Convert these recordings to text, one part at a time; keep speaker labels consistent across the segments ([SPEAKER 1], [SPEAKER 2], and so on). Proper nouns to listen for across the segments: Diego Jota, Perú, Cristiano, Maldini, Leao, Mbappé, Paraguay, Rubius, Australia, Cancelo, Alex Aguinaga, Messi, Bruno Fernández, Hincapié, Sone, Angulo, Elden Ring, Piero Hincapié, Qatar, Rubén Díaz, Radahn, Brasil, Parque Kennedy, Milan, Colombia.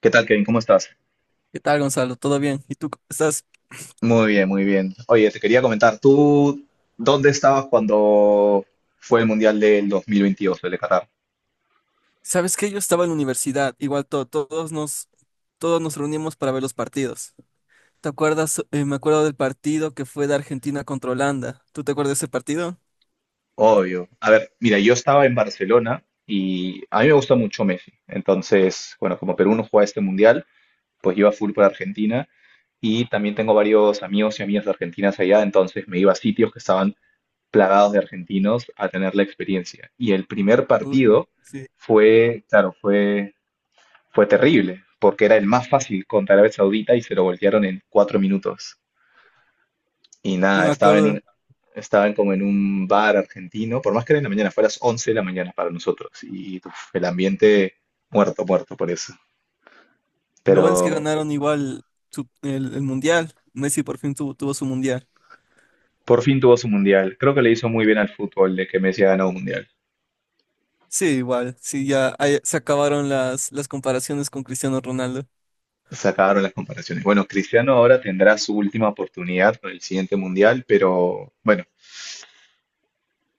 [SPEAKER 1] ¿Qué tal, Kevin? ¿Cómo estás?
[SPEAKER 2] ¿Qué tal, Gonzalo? ¿Todo bien? ¿Y tú cómo estás?
[SPEAKER 1] Muy bien, muy bien. Oye, te quería comentar, ¿tú dónde estabas cuando fue el Mundial del 2022, el de Qatar?
[SPEAKER 2] ¿Sabes qué? Yo estaba en la universidad, igual todos nos reunimos para ver los partidos. ¿Te acuerdas? Me acuerdo del partido que fue de Argentina contra Holanda. ¿Tú te acuerdas de ese partido?
[SPEAKER 1] Obvio. A ver, mira, yo estaba en Barcelona y a mí me gusta mucho Messi. Entonces, bueno, como Perú no juega este Mundial, pues iba full por Argentina y también tengo varios amigos y amigas de argentinas allá, entonces me iba a sitios que estaban plagados de argentinos a tener la experiencia. Y el primer
[SPEAKER 2] Uy,
[SPEAKER 1] partido
[SPEAKER 2] sí,
[SPEAKER 1] fue, claro, fue terrible, porque era el más fácil contra Arabia Saudita y se lo voltearon en 4 minutos. Y
[SPEAKER 2] sí
[SPEAKER 1] nada,
[SPEAKER 2] me acuerdo.
[SPEAKER 1] estaban como en un bar argentino, por más que era en la mañana, fue a las 11 de la mañana para nosotros. Y uf, el ambiente muerto, muerto por eso.
[SPEAKER 2] Lo bueno es que
[SPEAKER 1] Pero
[SPEAKER 2] ganaron igual el Mundial. Messi por fin tuvo, tuvo su Mundial.
[SPEAKER 1] por fin tuvo su mundial. Creo que le hizo muy bien al fútbol de que Messi ha ganado un mundial.
[SPEAKER 2] Sí, igual. Sí, ya ahí se acabaron las comparaciones con Cristiano Ronaldo.
[SPEAKER 1] Se acabaron las comparaciones. Bueno, Cristiano ahora tendrá su última oportunidad con el siguiente mundial, pero bueno,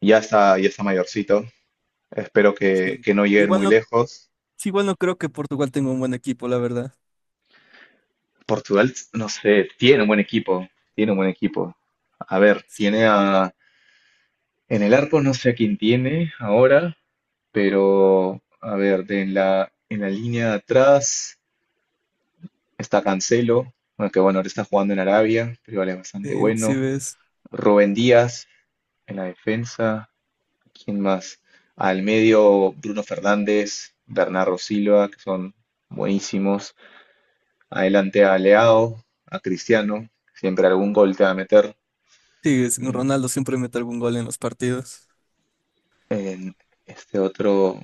[SPEAKER 1] ya está mayorcito. Espero que,
[SPEAKER 2] Sí.
[SPEAKER 1] que no lleguen
[SPEAKER 2] Igual
[SPEAKER 1] muy
[SPEAKER 2] no,
[SPEAKER 1] lejos.
[SPEAKER 2] sí, igual no creo que Portugal tenga un buen equipo, la verdad.
[SPEAKER 1] Portugal, no sé, tiene un buen equipo, tiene un buen equipo. A ver,
[SPEAKER 2] Sí,
[SPEAKER 1] tiene a... En el arco no sé a quién tiene ahora, pero a ver, en la línea de atrás está Cancelo, bueno, que bueno, ahora está jugando en Arabia, pero igual es bastante
[SPEAKER 2] sí, sí
[SPEAKER 1] bueno.
[SPEAKER 2] ves.
[SPEAKER 1] Rubén Díaz en la defensa, ¿quién más? Al medio Bruno Fernández, Bernardo Silva, que son buenísimos. Adelante a Leao, a Cristiano, siempre algún gol te va a meter.
[SPEAKER 2] Sí,
[SPEAKER 1] Y
[SPEAKER 2] Ronaldo siempre mete algún gol en los partidos.
[SPEAKER 1] en este otro,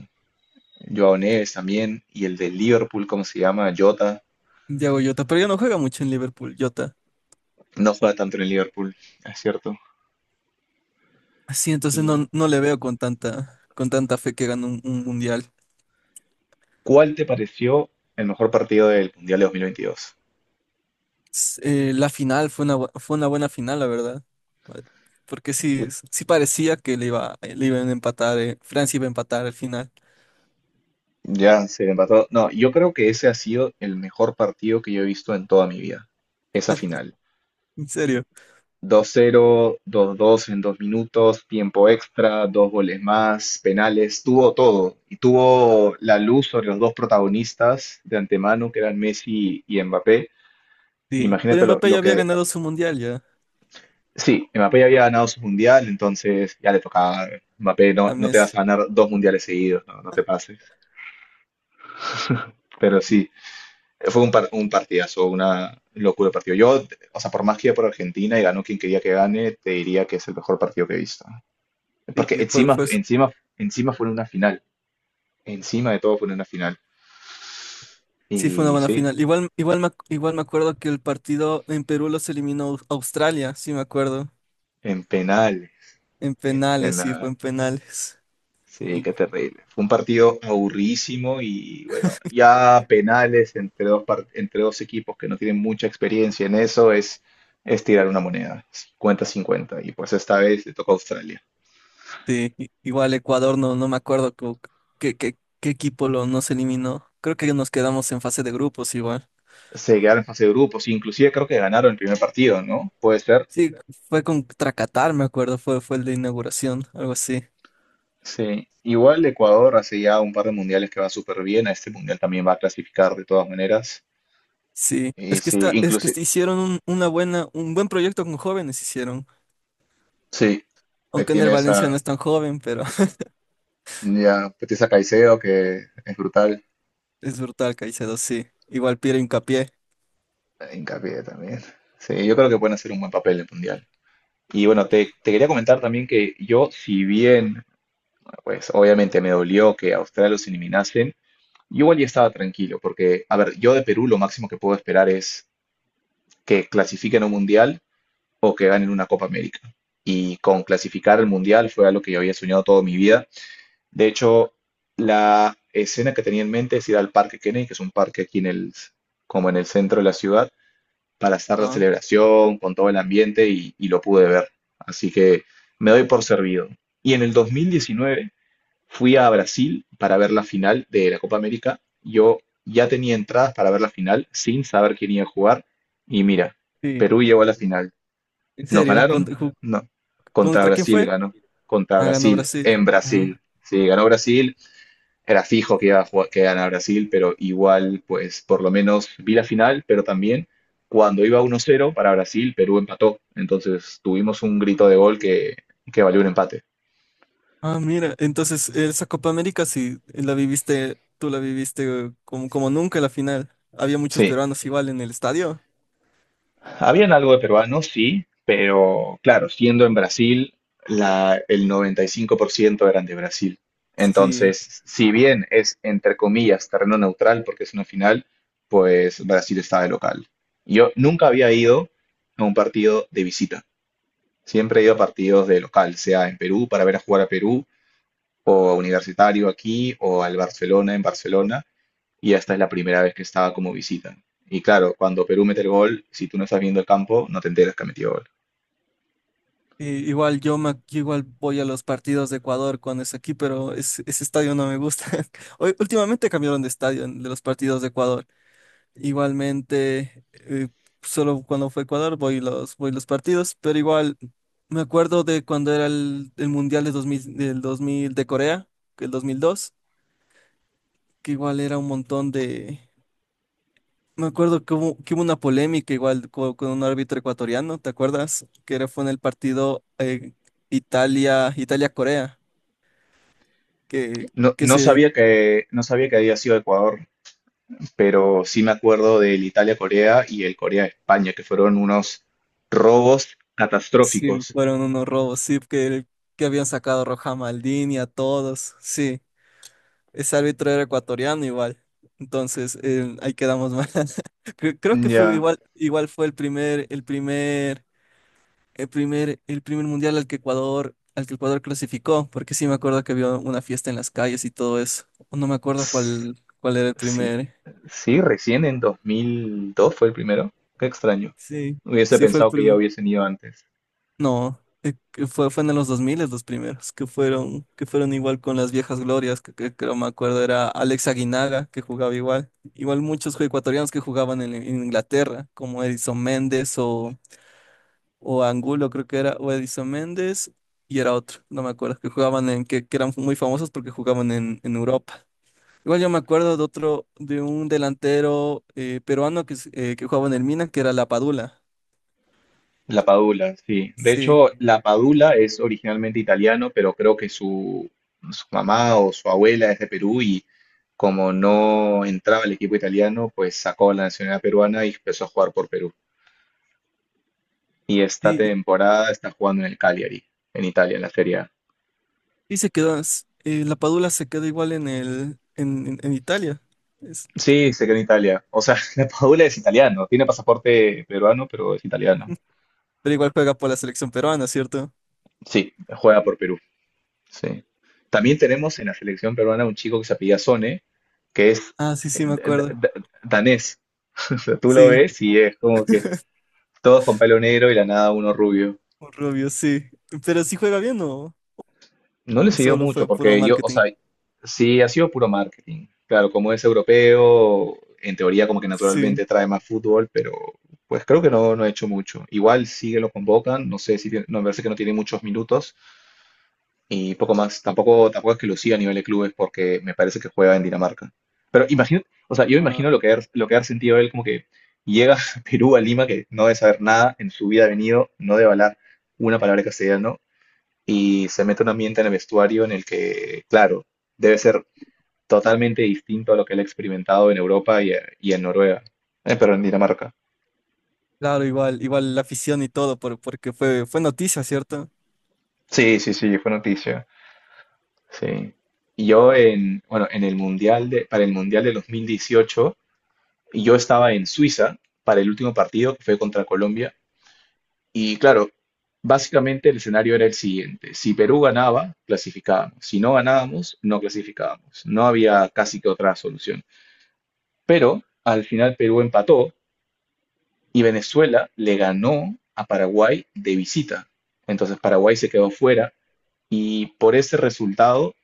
[SPEAKER 1] Joao Neves también, y el de Liverpool, ¿cómo se llama? Jota,
[SPEAKER 2] Diego Jota, pero ya no juega mucho en Liverpool, Jota.
[SPEAKER 1] no juega tanto en el Liverpool, es cierto.
[SPEAKER 2] Sí, entonces
[SPEAKER 1] ¿Y
[SPEAKER 2] no, no le veo con tanta fe que gane un mundial.
[SPEAKER 1] cuál te pareció el mejor partido del Mundial de 2022?
[SPEAKER 2] La final fue una buena final, la verdad. Porque
[SPEAKER 1] L-
[SPEAKER 2] sí, sí parecía que le iban a empatar, Francia iba a empatar al final.
[SPEAKER 1] Ya se empató. No, yo creo que ese ha sido el mejor partido que yo he visto en toda mi vida, esa final.
[SPEAKER 2] En serio,
[SPEAKER 1] 2-0, 2-2 en 2 minutos, tiempo extra, dos goles más, penales, tuvo todo. Y tuvo la luz sobre los dos protagonistas de antemano, que eran Messi y Mbappé.
[SPEAKER 2] sí. Pero
[SPEAKER 1] Imagínate lo,
[SPEAKER 2] Mbappé ya
[SPEAKER 1] lo
[SPEAKER 2] había
[SPEAKER 1] que...
[SPEAKER 2] ganado su mundial ya
[SPEAKER 1] Sí, Mbappé ya había ganado su mundial, entonces ya le tocaba. Mbappé, no,
[SPEAKER 2] a
[SPEAKER 1] no te vas
[SPEAKER 2] Messi.
[SPEAKER 1] a ganar dos mundiales seguidos, no, no te pases. Pero sí, fue un partidazo, una locura de partido. Yo, o sea, por más que iba por Argentina y ganó quien quería que gane, te diría que es el mejor partido que he visto.
[SPEAKER 2] Sí,
[SPEAKER 1] Porque
[SPEAKER 2] fue,
[SPEAKER 1] encima,
[SPEAKER 2] fue, su-
[SPEAKER 1] encima, encima fue en una final. Encima de todo fue en una final.
[SPEAKER 2] sí, fue una
[SPEAKER 1] Y
[SPEAKER 2] buena
[SPEAKER 1] sí,
[SPEAKER 2] final. Igual me acuerdo que el partido en Perú los eliminó Australia, sí me acuerdo.
[SPEAKER 1] en penales,
[SPEAKER 2] En
[SPEAKER 1] en
[SPEAKER 2] penales, sí, fue
[SPEAKER 1] penales.
[SPEAKER 2] en penales.
[SPEAKER 1] Sí,
[SPEAKER 2] Y-
[SPEAKER 1] qué terrible. Fue un partido aburridísimo y bueno, ya penales entre dos equipos que no tienen mucha experiencia en eso es tirar una moneda, 50 cincuenta. Y pues esta vez le tocó a Australia.
[SPEAKER 2] Sí, igual Ecuador, no, no me acuerdo qué equipo lo nos eliminó. Creo que nos quedamos en fase de grupos igual.
[SPEAKER 1] Se quedaron en fase de grupos, inclusive creo que ganaron el primer partido, ¿no? Puede ser.
[SPEAKER 2] Sí, fue contra Qatar, me acuerdo, fue el de inauguración, algo así.
[SPEAKER 1] Sí, igual Ecuador hace ya un par de mundiales que va súper bien, a este mundial también va a clasificar de todas maneras.
[SPEAKER 2] Sí,
[SPEAKER 1] Y sí,
[SPEAKER 2] es que
[SPEAKER 1] inclusive,
[SPEAKER 2] hicieron un buen proyecto con jóvenes hicieron.
[SPEAKER 1] sí, ahí
[SPEAKER 2] Aunque en el
[SPEAKER 1] tienes
[SPEAKER 2] Valencia
[SPEAKER 1] a,
[SPEAKER 2] no es tan joven, pero
[SPEAKER 1] ya, tienes a Caicedo que es brutal,
[SPEAKER 2] es brutal, Caicedo, sí. Igual Piero Hincapié.
[SPEAKER 1] hincapié también. Sí, yo creo que pueden hacer un buen papel en el mundial. Y bueno, te quería comentar también que yo, si bien, pues obviamente me dolió que a Australia los eliminasen, yo igual ya estaba tranquilo, porque, a ver, yo de Perú lo máximo que puedo esperar es que clasifiquen a un mundial o que ganen una Copa América. Y con clasificar al Mundial fue algo que yo había soñado toda mi vida. De hecho, la escena que tenía en mente es ir al Parque Kennedy, que es un parque aquí en el, como en el centro de la ciudad, para estar la
[SPEAKER 2] Ah,
[SPEAKER 1] celebración, con todo el ambiente y lo pude ver. Así que me doy por servido. Y en el 2019 fui a Brasil para ver la final de la Copa América. Yo ya tenía entradas para ver la final sin saber quién iba a jugar. Y mira,
[SPEAKER 2] sí.
[SPEAKER 1] Perú llegó a la final.
[SPEAKER 2] En
[SPEAKER 1] ¿Nos
[SPEAKER 2] serio,
[SPEAKER 1] ganaron?
[SPEAKER 2] ¿Contra, ju-
[SPEAKER 1] No. Contra
[SPEAKER 2] contra quién
[SPEAKER 1] Brasil
[SPEAKER 2] fue?
[SPEAKER 1] ganó. Contra
[SPEAKER 2] Ah, ganó
[SPEAKER 1] Brasil,
[SPEAKER 2] Brasil.
[SPEAKER 1] en
[SPEAKER 2] Ah.
[SPEAKER 1] Brasil. Sí, ganó Brasil. Era fijo que iba a jugar- que ganara Brasil, pero igual, pues por lo menos vi la final, pero también cuando iba 1-0 para Brasil, Perú empató. Entonces tuvimos un grito de gol que valió un empate.
[SPEAKER 2] Ah, mira, entonces esa Copa América sí la viviste, tú la viviste como nunca la final. Había muchos
[SPEAKER 1] Sí.
[SPEAKER 2] peruanos igual en el estadio.
[SPEAKER 1] Habían algo de peruanos, sí, pero claro, siendo en Brasil, el 95% eran de Brasil.
[SPEAKER 2] Sí,
[SPEAKER 1] Entonces, si bien es, entre comillas, terreno neutral porque es una final, pues Brasil está de local. Yo nunca había ido a un partido de visita. Siempre he ido a partidos de local, sea en Perú para ver a jugar a Perú, o a Universitario aquí, o al Barcelona en Barcelona, y esta es la primera vez que estaba como visita. Y claro, cuando Perú mete el gol, si tú no estás viendo el campo, no te enteras que ha metido gol.
[SPEAKER 2] igual yo, igual voy a los partidos de Ecuador cuando es aquí, pero ese estadio no me gusta. Últimamente cambiaron de estadio de los partidos de Ecuador. Igualmente, solo cuando fue Ecuador voy los partidos, pero igual me acuerdo de cuando era el Mundial de 2000 del 2000 de Corea, el 2002. Que igual era un montón de... Me acuerdo que hubo una polémica igual con un árbitro ecuatoriano, ¿te acuerdas? Fue en el partido Italia-Corea, que,
[SPEAKER 1] No,
[SPEAKER 2] que
[SPEAKER 1] no
[SPEAKER 2] se
[SPEAKER 1] sabía que, no sabía que había sido Ecuador, pero sí me acuerdo del Italia-Corea y el Corea-España, que fueron unos robos
[SPEAKER 2] Sí,
[SPEAKER 1] catastróficos.
[SPEAKER 2] fueron unos robos, sí, que habían sacado a Roja Maldini a todos, sí. Ese árbitro era ecuatoriano igual. Entonces, ahí quedamos mal. Creo que fue
[SPEAKER 1] Ya.
[SPEAKER 2] igual fue el primer mundial al que Ecuador, clasificó, porque sí me acuerdo que había una fiesta en las calles y todo eso. O no me acuerdo
[SPEAKER 1] Ts-
[SPEAKER 2] cuál era el
[SPEAKER 1] Sí,
[SPEAKER 2] primer.
[SPEAKER 1] sí, recién en 2002 fue el primero. Qué extraño.
[SPEAKER 2] Sí,
[SPEAKER 1] Hubiese
[SPEAKER 2] sí fue el
[SPEAKER 1] pensado que ya
[SPEAKER 2] primer.
[SPEAKER 1] hubiesen ido antes.
[SPEAKER 2] No, que fue en los 2000 los primeros, que fueron igual con las viejas glorias, que creo me acuerdo era Alex Aguinaga, que jugaba igual. Igual muchos ecuatorianos que jugaban en Inglaterra, como Edison Méndez o Angulo creo que era, o Edison Méndez, y era otro, no me acuerdo, que jugaban que eran muy famosos porque jugaban en Europa. Igual yo me acuerdo de otro, de un delantero peruano que jugaba en el Milan, que era La Padula.
[SPEAKER 1] La Padula, sí. De
[SPEAKER 2] Sí,
[SPEAKER 1] hecho, la Padula es originalmente italiano, pero creo que su mamá o su abuela es de Perú y como no entraba al equipo italiano, pues sacó la nacionalidad peruana y empezó a jugar por Perú. Y esta
[SPEAKER 2] y,
[SPEAKER 1] temporada está jugando en el Cagliari, en Italia, en la Serie A.
[SPEAKER 2] y La Padula se quedó igual en el, en Italia, es-
[SPEAKER 1] Sí, se quedó en Italia. O sea, la Padula es italiano, tiene pasaporte peruano, pero es italiano.
[SPEAKER 2] pero igual juega por la selección peruana, ¿cierto?
[SPEAKER 1] Sí, juega por Perú. Sí. También tenemos en la selección peruana un chico que se apellida Sone, que es
[SPEAKER 2] Ah, sí,
[SPEAKER 1] eh,
[SPEAKER 2] sí, me
[SPEAKER 1] da- da-
[SPEAKER 2] acuerdo.
[SPEAKER 1] da- danés. O sea, tú lo
[SPEAKER 2] Sí,
[SPEAKER 1] ves y es como que todos con pelo negro y la nada uno rubio.
[SPEAKER 2] un rubio, sí. Pero sí juega bien
[SPEAKER 1] No le
[SPEAKER 2] o
[SPEAKER 1] siguió
[SPEAKER 2] solo
[SPEAKER 1] mucho
[SPEAKER 2] fue puro
[SPEAKER 1] porque yo, o
[SPEAKER 2] marketing.
[SPEAKER 1] sea, sí ha sido puro marketing. Claro, como es europeo, en teoría como que
[SPEAKER 2] Sí.
[SPEAKER 1] naturalmente trae más fútbol, pero pues creo que no, no ha hecho mucho. Igual sí que lo convocan, no sé si no, me parece que no tiene muchos minutos. Y poco más. Tampoco, tampoco es que lo lucía a nivel de clubes porque me parece que juega en Dinamarca. Pero imagino, o sea, yo imagino lo que ha sentido él como que llega a Perú, a Lima, que no debe saber nada, en su vida ha venido, no debe hablar una palabra de castellano, y se mete en un ambiente en el vestuario en el que, claro, debe ser totalmente distinto a lo que él ha experimentado en Europa y en Noruega, pero en Dinamarca.
[SPEAKER 2] Claro, igual la afición y todo, porque fue noticia, ¿cierto?
[SPEAKER 1] Sí, sí, sí, fue noticia. Sí. Y yo bueno, en el mundial de, para el mundial de 2018 y yo estaba en Suiza para el último partido que fue contra Colombia y claro, básicamente el escenario era el siguiente. Si Perú ganaba, clasificábamos. Si no ganábamos, no clasificábamos. No había casi que otra solución. Pero al final Perú empató y Venezuela le ganó a Paraguay de visita. Entonces Paraguay se quedó fuera y por ese resultado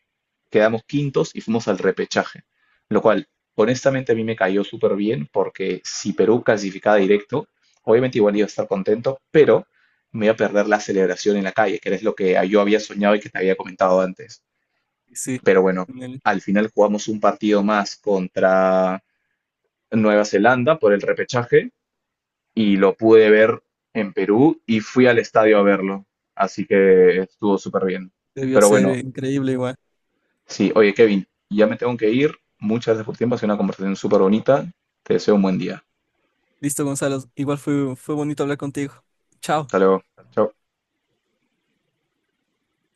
[SPEAKER 1] quedamos quintos y fuimos al repechaje, lo cual honestamente a mí me cayó súper bien porque si Perú clasificaba directo, obviamente igual iba a estar contento, pero me iba a perder la celebración en la calle, que es lo que yo había soñado y que te había comentado antes.
[SPEAKER 2] Sí,
[SPEAKER 1] Pero bueno,
[SPEAKER 2] en el-
[SPEAKER 1] al final jugamos un partido más contra Nueva Zelanda por el repechaje y lo pude ver en Perú y fui al estadio a verlo, así que estuvo súper bien.
[SPEAKER 2] debió
[SPEAKER 1] Pero
[SPEAKER 2] ser
[SPEAKER 1] bueno.
[SPEAKER 2] increíble igual.
[SPEAKER 1] Sí, oye Kevin, ya me tengo que ir. Muchas gracias por tu tiempo, ha sido una conversación súper bonita. Te deseo un buen día.
[SPEAKER 2] Listo, Gonzalo, igual fue bonito hablar contigo. Chao.
[SPEAKER 1] Hasta luego. Chao.